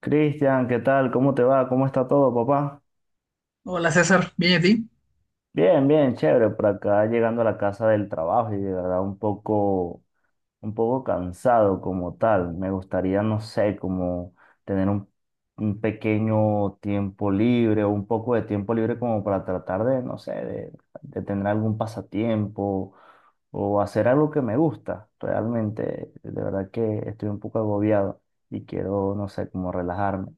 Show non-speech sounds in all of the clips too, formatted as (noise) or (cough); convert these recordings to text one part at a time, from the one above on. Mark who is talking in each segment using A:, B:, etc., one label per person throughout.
A: Cristian, ¿qué tal? ¿Cómo te va? ¿Cómo está todo, papá?
B: Hola César, bien y a ti.
A: Bien, bien, chévere. Por acá llegando a la casa del trabajo y de verdad un poco cansado como tal. Me gustaría, no sé, como tener un pequeño tiempo libre o un poco de tiempo libre como para tratar de, no sé, de tener algún pasatiempo o hacer algo que me gusta. Realmente, de verdad que estoy un poco agobiado y quiero, no sé, como relajarme.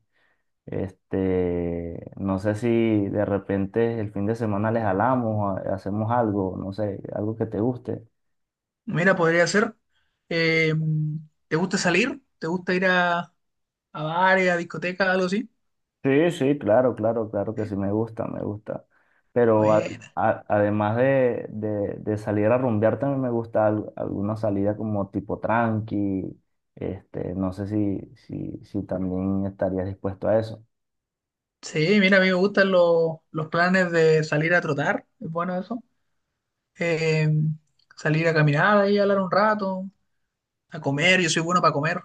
A: Este, no sé si de repente el fin de semana les jalamos, hacemos algo, no sé, algo que te guste.
B: Mira, podría ser. eh, ¿Te gusta salir? ¿Te gusta ir a bares, a discotecas, algo así?
A: Sí, sí, claro, claro, claro que
B: ¿Eh?
A: sí, me gusta, me gusta. Pero ade-
B: Bueno.
A: a- además de, de- de salir a rumbear, también me gusta alguna salida como tipo tranqui. Este, no sé si también estarías dispuesto a eso.
B: Sí, mira, a mí me gustan los planes de salir a trotar, es bueno eso. Eh, Salir a caminar ahí, hablar un rato, a comer, yo soy bueno para comer.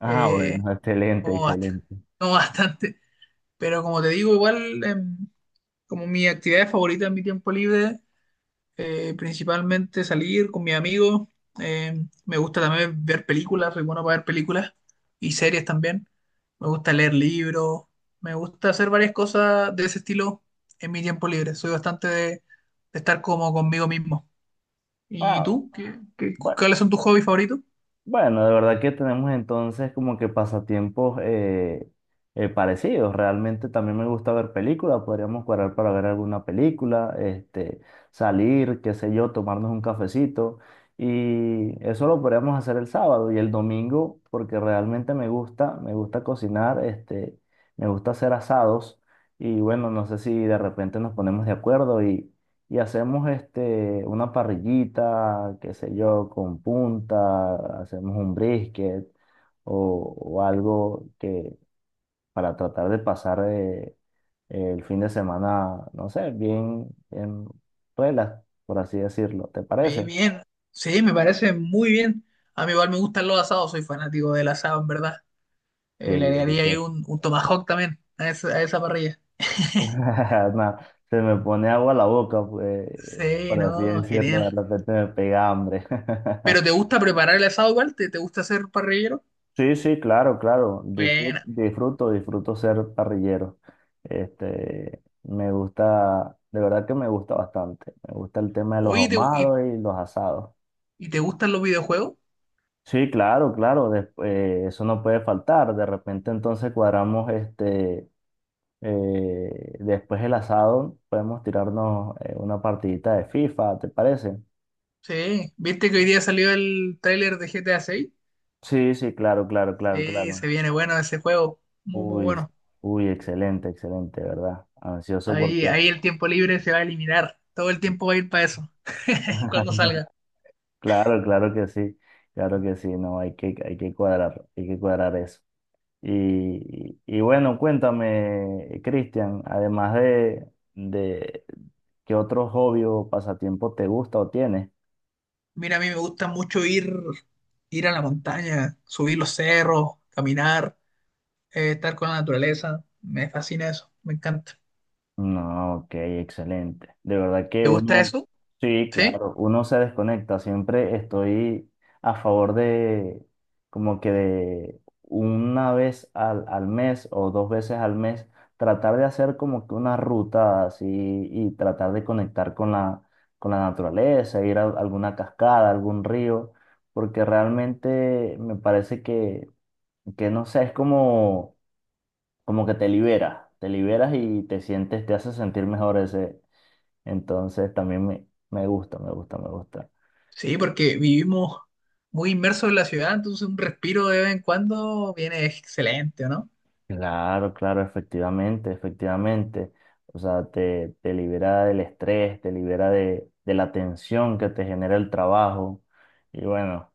A: Ah,
B: Eh,
A: bueno, (laughs) excelente,
B: como, bast-
A: excelente.
B: (laughs) Como bastante. Pero como te digo, igual, como mi actividad favorita en mi tiempo libre. Principalmente salir con mis amigos. eh, Me gusta también ver películas, soy bueno para ver películas y series también. Me gusta leer libros, me gusta hacer varias cosas de ese estilo en mi tiempo libre. Soy bastante de estar como conmigo mismo. ¿Y
A: Ah,
B: tú?
A: bueno.
B: ¿Cuáles son tus hobbies favoritos?
A: Bueno, de verdad que tenemos entonces como que pasatiempos parecidos. Realmente también me gusta ver películas, podríamos cuadrar para ver alguna película, este, salir, qué sé yo, tomarnos un cafecito. Y eso lo podríamos hacer el sábado y el domingo, porque realmente me gusta cocinar, este, me gusta hacer asados. Y bueno, no sé si de repente nos ponemos de acuerdo y hacemos este, una parrillita, qué sé yo, con punta, hacemos un brisket o algo que para tratar de pasar el fin de semana, no sé, bien, bien relax, por así decirlo. ¿Te
B: Bien,
A: parece?
B: bien. Sí, me parece muy bien. A mí igual me gustan los asados, soy fanático del asado, en verdad.
A: Sí,
B: Le agregaría ahí
A: delicioso. (laughs)
B: un tomahawk también a esa parrilla. (laughs)
A: Nah, se me pone agua a la boca, pues,
B: Sí,
A: por así
B: no,
A: decirlo, de
B: genial.
A: repente me pega hambre.
B: ¿Pero te
A: (laughs)
B: gusta preparar el asado igual? ¿Te gusta hacer parrillero?
A: Sí, sí, claro, claro. Disfruto,
B: Buena.
A: disfruto, disfruto ser parrillero. Este, me gusta, de verdad que me gusta bastante. Me gusta el tema de los
B: Oye,
A: ahumados y los asados.
B: ¿y te gustan los videojuegos?
A: Sí, claro, claro. Eso no puede faltar. De repente entonces cuadramos este, después el asado, podemos tirarnos una partidita de FIFA, ¿te parece?
B: Sí. ¿Viste que hoy día salió el tráiler de GTA 6?
A: Sí, sí, claro, claro, claro,
B: Sí,
A: claro.
B: se viene bueno ese juego. Muy, muy
A: Uy,
B: bueno.
A: uy, excelente, excelente, ¿verdad? Ansioso porque
B: Ahí, ahí el tiempo libre se va a eliminar. Todo el tiempo va a ir para eso. (laughs) Cuando
A: (laughs)
B: salga.
A: Claro, claro que sí, no, hay que cuadrar eso. Y bueno, cuéntame, Cristian, además de- de qué otro hobby o pasatiempo te gusta o tienes.
B: Mira, a mí me gusta mucho ir, ir a la montaña, subir los cerros, caminar, estar con la naturaleza. Me fascina eso. Me encanta.
A: No, ok, excelente. De verdad que
B: ¿Te gusta
A: uno,
B: eso?
A: sí,
B: ¿Sí?
A: claro, uno se desconecta. Siempre estoy a favor de, como que de una vez al mes o dos veces al mes, tratar de hacer como que una ruta así y tratar de conectar con la naturaleza, ir a alguna cascada, algún río, porque realmente me parece que no sé, es como como que te libera, te liberas y te sientes, te hace sentir mejor ese. Entonces también me gusta.
B: Sí, porque vivimos muy inmersos en la ciudad, entonces un respiro de vez en cuando viene excelente, ¿o ¿no?
A: Claro, claro, efectivamente, efectivamente. O sea, te libera del estrés, te libera de la tensión que te genera el trabajo. Y bueno,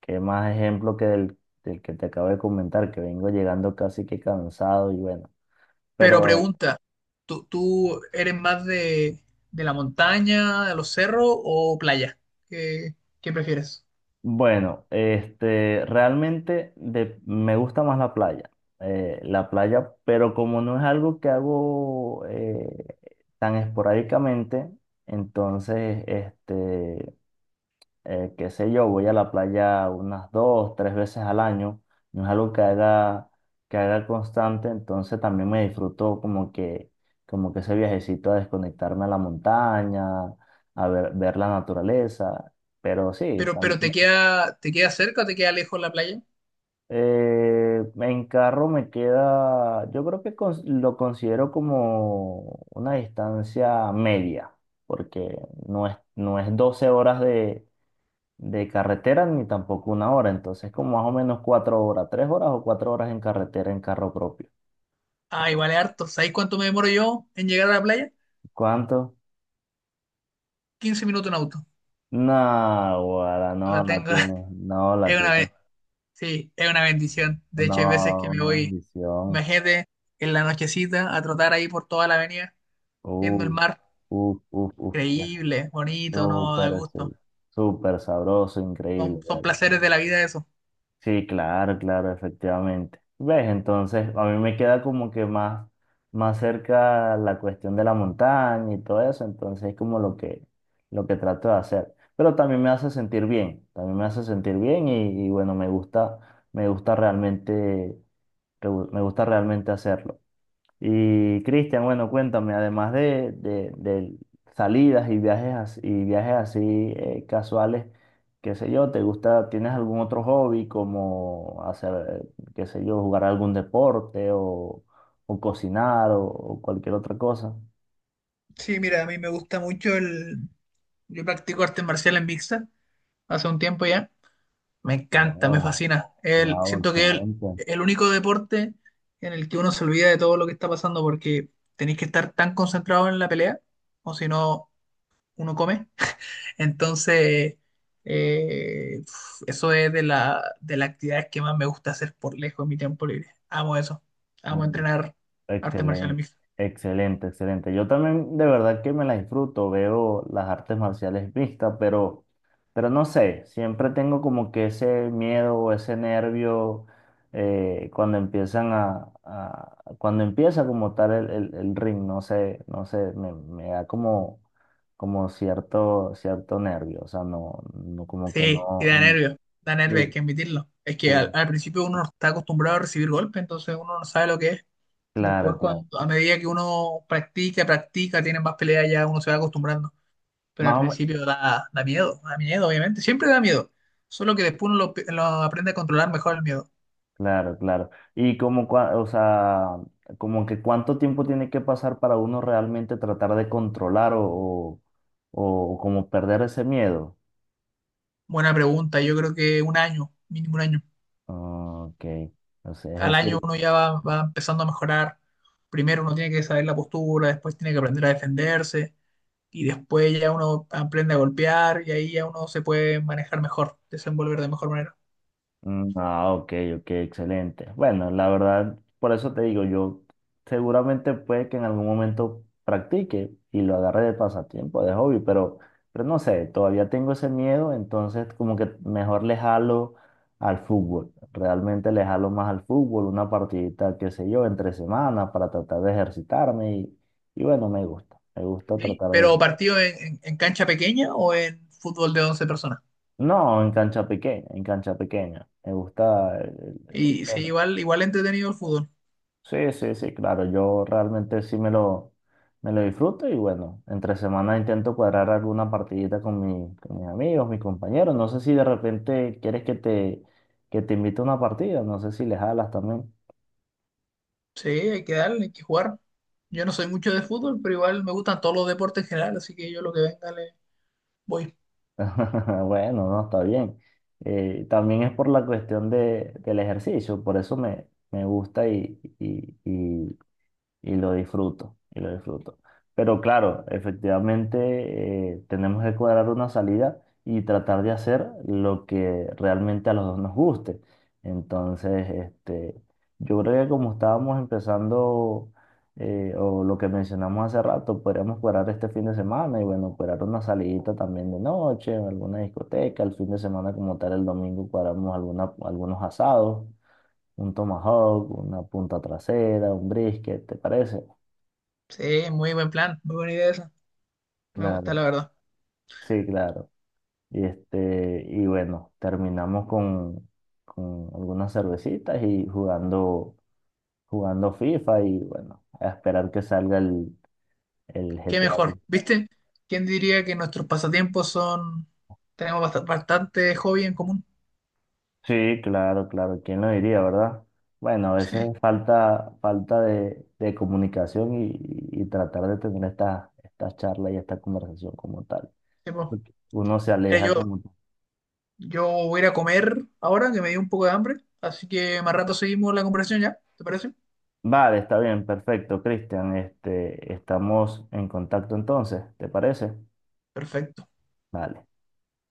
A: qué más ejemplo que del que te acabo de comentar, que vengo llegando casi que cansado y bueno.
B: Pero
A: Pero
B: pregunta, ¿tú, tú eres más de la montaña, de los cerros o playa? ¿Qué, qué prefieres?
A: bueno, este, realmente me gusta más la playa, pero como no es algo que hago tan esporádicamente, entonces, este, qué sé yo, voy a la playa unas 2, 3 veces al año, no es algo que haga constante, entonces también me disfruto como que ese viajecito a desconectarme a la montaña, a ver, ver la naturaleza. Pero sí,
B: Pero te queda cerca o te queda lejos la playa?
A: eh, en carro me queda, yo creo que lo considero como una distancia media, porque no es 12 horas de carretera ni tampoco una hora, entonces como más o menos 4 horas, 3 horas o 4 horas en carretera en carro propio.
B: Ah, igual es harto. ¿Sabes cuánto me demoro yo en llegar a la playa?
A: ¿Cuánto?
B: 15 minutos en auto.
A: No, guara, no
B: La
A: la
B: tengo.
A: tiene,
B: (laughs)
A: no la
B: Es una,
A: tiene,
B: be- sí, es una bendición. De hecho, hay veces que
A: no, una
B: me voy,
A: bendición.
B: imagínate, en la nochecita a trotar ahí por toda la avenida, viendo el
A: Uf,
B: mar.
A: uf, uf, uf,
B: Increíble, bonito, no, da
A: súper,
B: gusto.
A: súper sabroso,
B: Son,
A: increíble.
B: son placeres de la vida eso.
A: Sí, claro, claro, efectivamente. ¿Ves? Entonces, a mí me queda como que más, más cerca la cuestión de la montaña y todo eso, entonces es como lo que trato de hacer. Pero también me hace sentir bien, también me hace sentir bien y bueno, me gusta realmente, me gusta realmente hacerlo. Y Cristian, bueno, cuéntame, además de salidas y viajes, y viajes así casuales, qué sé yo, ¿te gusta, tienes algún otro hobby como hacer, eh, qué sé yo, jugar algún deporte o cocinar o cualquier otra cosa?
B: Sí, mira, a mí me gusta mucho el... Yo practico artes marciales mixtas hace un tiempo ya. Me encanta, me
A: Wow,
B: fascina.
A: wow,
B: Siento que es
A: excelente.
B: el único deporte en el que uno se olvida de todo lo que está pasando porque tenéis que estar tan concentrado en la pelea o si no, uno come. Entonces, uf, eso es de de las actividades que más me gusta hacer por lejos en mi tiempo libre. Amo eso. Amo entrenar arte marcial
A: Excelente,
B: mixta.
A: excelente, excelente. Yo también de verdad que me la disfruto, veo las artes marciales mixtas, pero no sé, siempre tengo como que ese miedo o ese nervio cuando empiezan cuando empieza como tal el ring, no sé, no sé, me da como, como cierto, cierto nervio, o sea, no, no como que
B: Sí, y
A: no,
B: da nervio. Da nervio, hay que
A: sí,
B: admitirlo. Es que al,
A: sí,
B: al principio uno no está acostumbrado a recibir golpes, entonces uno no sabe lo que es. Después,
A: claro, claro.
B: cuando, a medida que uno practica, practica, tiene más peleas, ya uno se va acostumbrando. Pero al
A: Más o,
B: principio da, da miedo, obviamente. Siempre da miedo. Solo que después uno lo aprende a controlar mejor el miedo.
A: claro, claro. Y como, o sea, como que cuánto tiempo tiene que pasar para uno realmente tratar de controlar o como perder ese miedo.
B: Buena pregunta, yo creo que 1 año, mínimo 1 año.
A: Ah, ok. O sea,
B: Al
A: es
B: año
A: decir,
B: uno ya va, va empezando a mejorar. Primero uno tiene que saber la postura, después tiene que aprender a defenderse y después ya uno aprende a golpear y ahí ya uno se puede manejar mejor, desenvolver de mejor manera.
A: mm, ah, ok, ok, excelente. Bueno, la verdad, por eso te digo, yo seguramente puede que en algún momento practique y lo agarre de pasatiempo, de hobby, pero no sé, todavía tengo ese miedo, entonces como que mejor le jalo al fútbol. Realmente le jalo más al fútbol, una partidita, qué sé yo, entre semana para tratar de ejercitarme y bueno, me gusta
B: ¿Sí?
A: tratar
B: Pero
A: de...
B: partido en, en cancha pequeña o en fútbol de 11 personas.
A: No, en cancha pequeña, en cancha pequeña. Me gusta...
B: Y sí, igual, igual entretenido el fútbol.
A: sí, sí, sí, claro, yo realmente sí me lo disfruto y bueno, entre semana intento cuadrar alguna partidita con, mi, con mis amigos, mis compañeros. No sé si de repente quieres que te invite a una partida, no sé si les jalas también.
B: Sí, hay que darle, hay que jugar. Yo no soy mucho de fútbol, pero igual me gustan todos los deportes en general, así que yo lo que venga le voy.
A: (laughs) Bueno, no, está bien. También es por la cuestión del ejercicio, por eso me, me gusta y, y lo disfruto, y lo disfruto. Pero claro, efectivamente tenemos que cuadrar una salida y tratar de hacer lo que realmente a los dos nos guste. Entonces, este, yo creo que como estábamos empezando o lo que mencionamos hace rato, podríamos cuadrar este fin de semana y bueno, cuadrar una salidita también de noche en alguna discoteca, el fin de semana como tal el domingo cuadramos alguna, algunos asados un tomahawk, una punta trasera, un brisket, ¿te parece?
B: Sí, muy buen plan, muy buena idea esa. Me gusta,
A: Claro,
B: la verdad.
A: sí, claro. Y este, y bueno, terminamos con algunas cervecitas y jugando, jugando FIFA y bueno, a esperar que salga el
B: Qué
A: GTA.
B: mejor, ¿viste? ¿Quién diría que nuestros pasatiempos son... Tenemos bastante hobby en común.
A: Sí, claro, claro. ¿Quién lo diría, verdad? Bueno, a veces
B: (laughs)
A: falta, falta de comunicación y tratar de tener esta, esta charla y esta conversación como tal.
B: Sí, sí, po.
A: Porque uno se
B: Mira, yo,
A: aleja como
B: yo voy a ir a comer ahora, que me dio un poco de hambre. Así que más rato seguimos la conversación ya, ¿te parece?
A: vale, está bien, perfecto, Cristian. Este, estamos en contacto entonces, ¿te parece?
B: Perfecto.
A: Vale.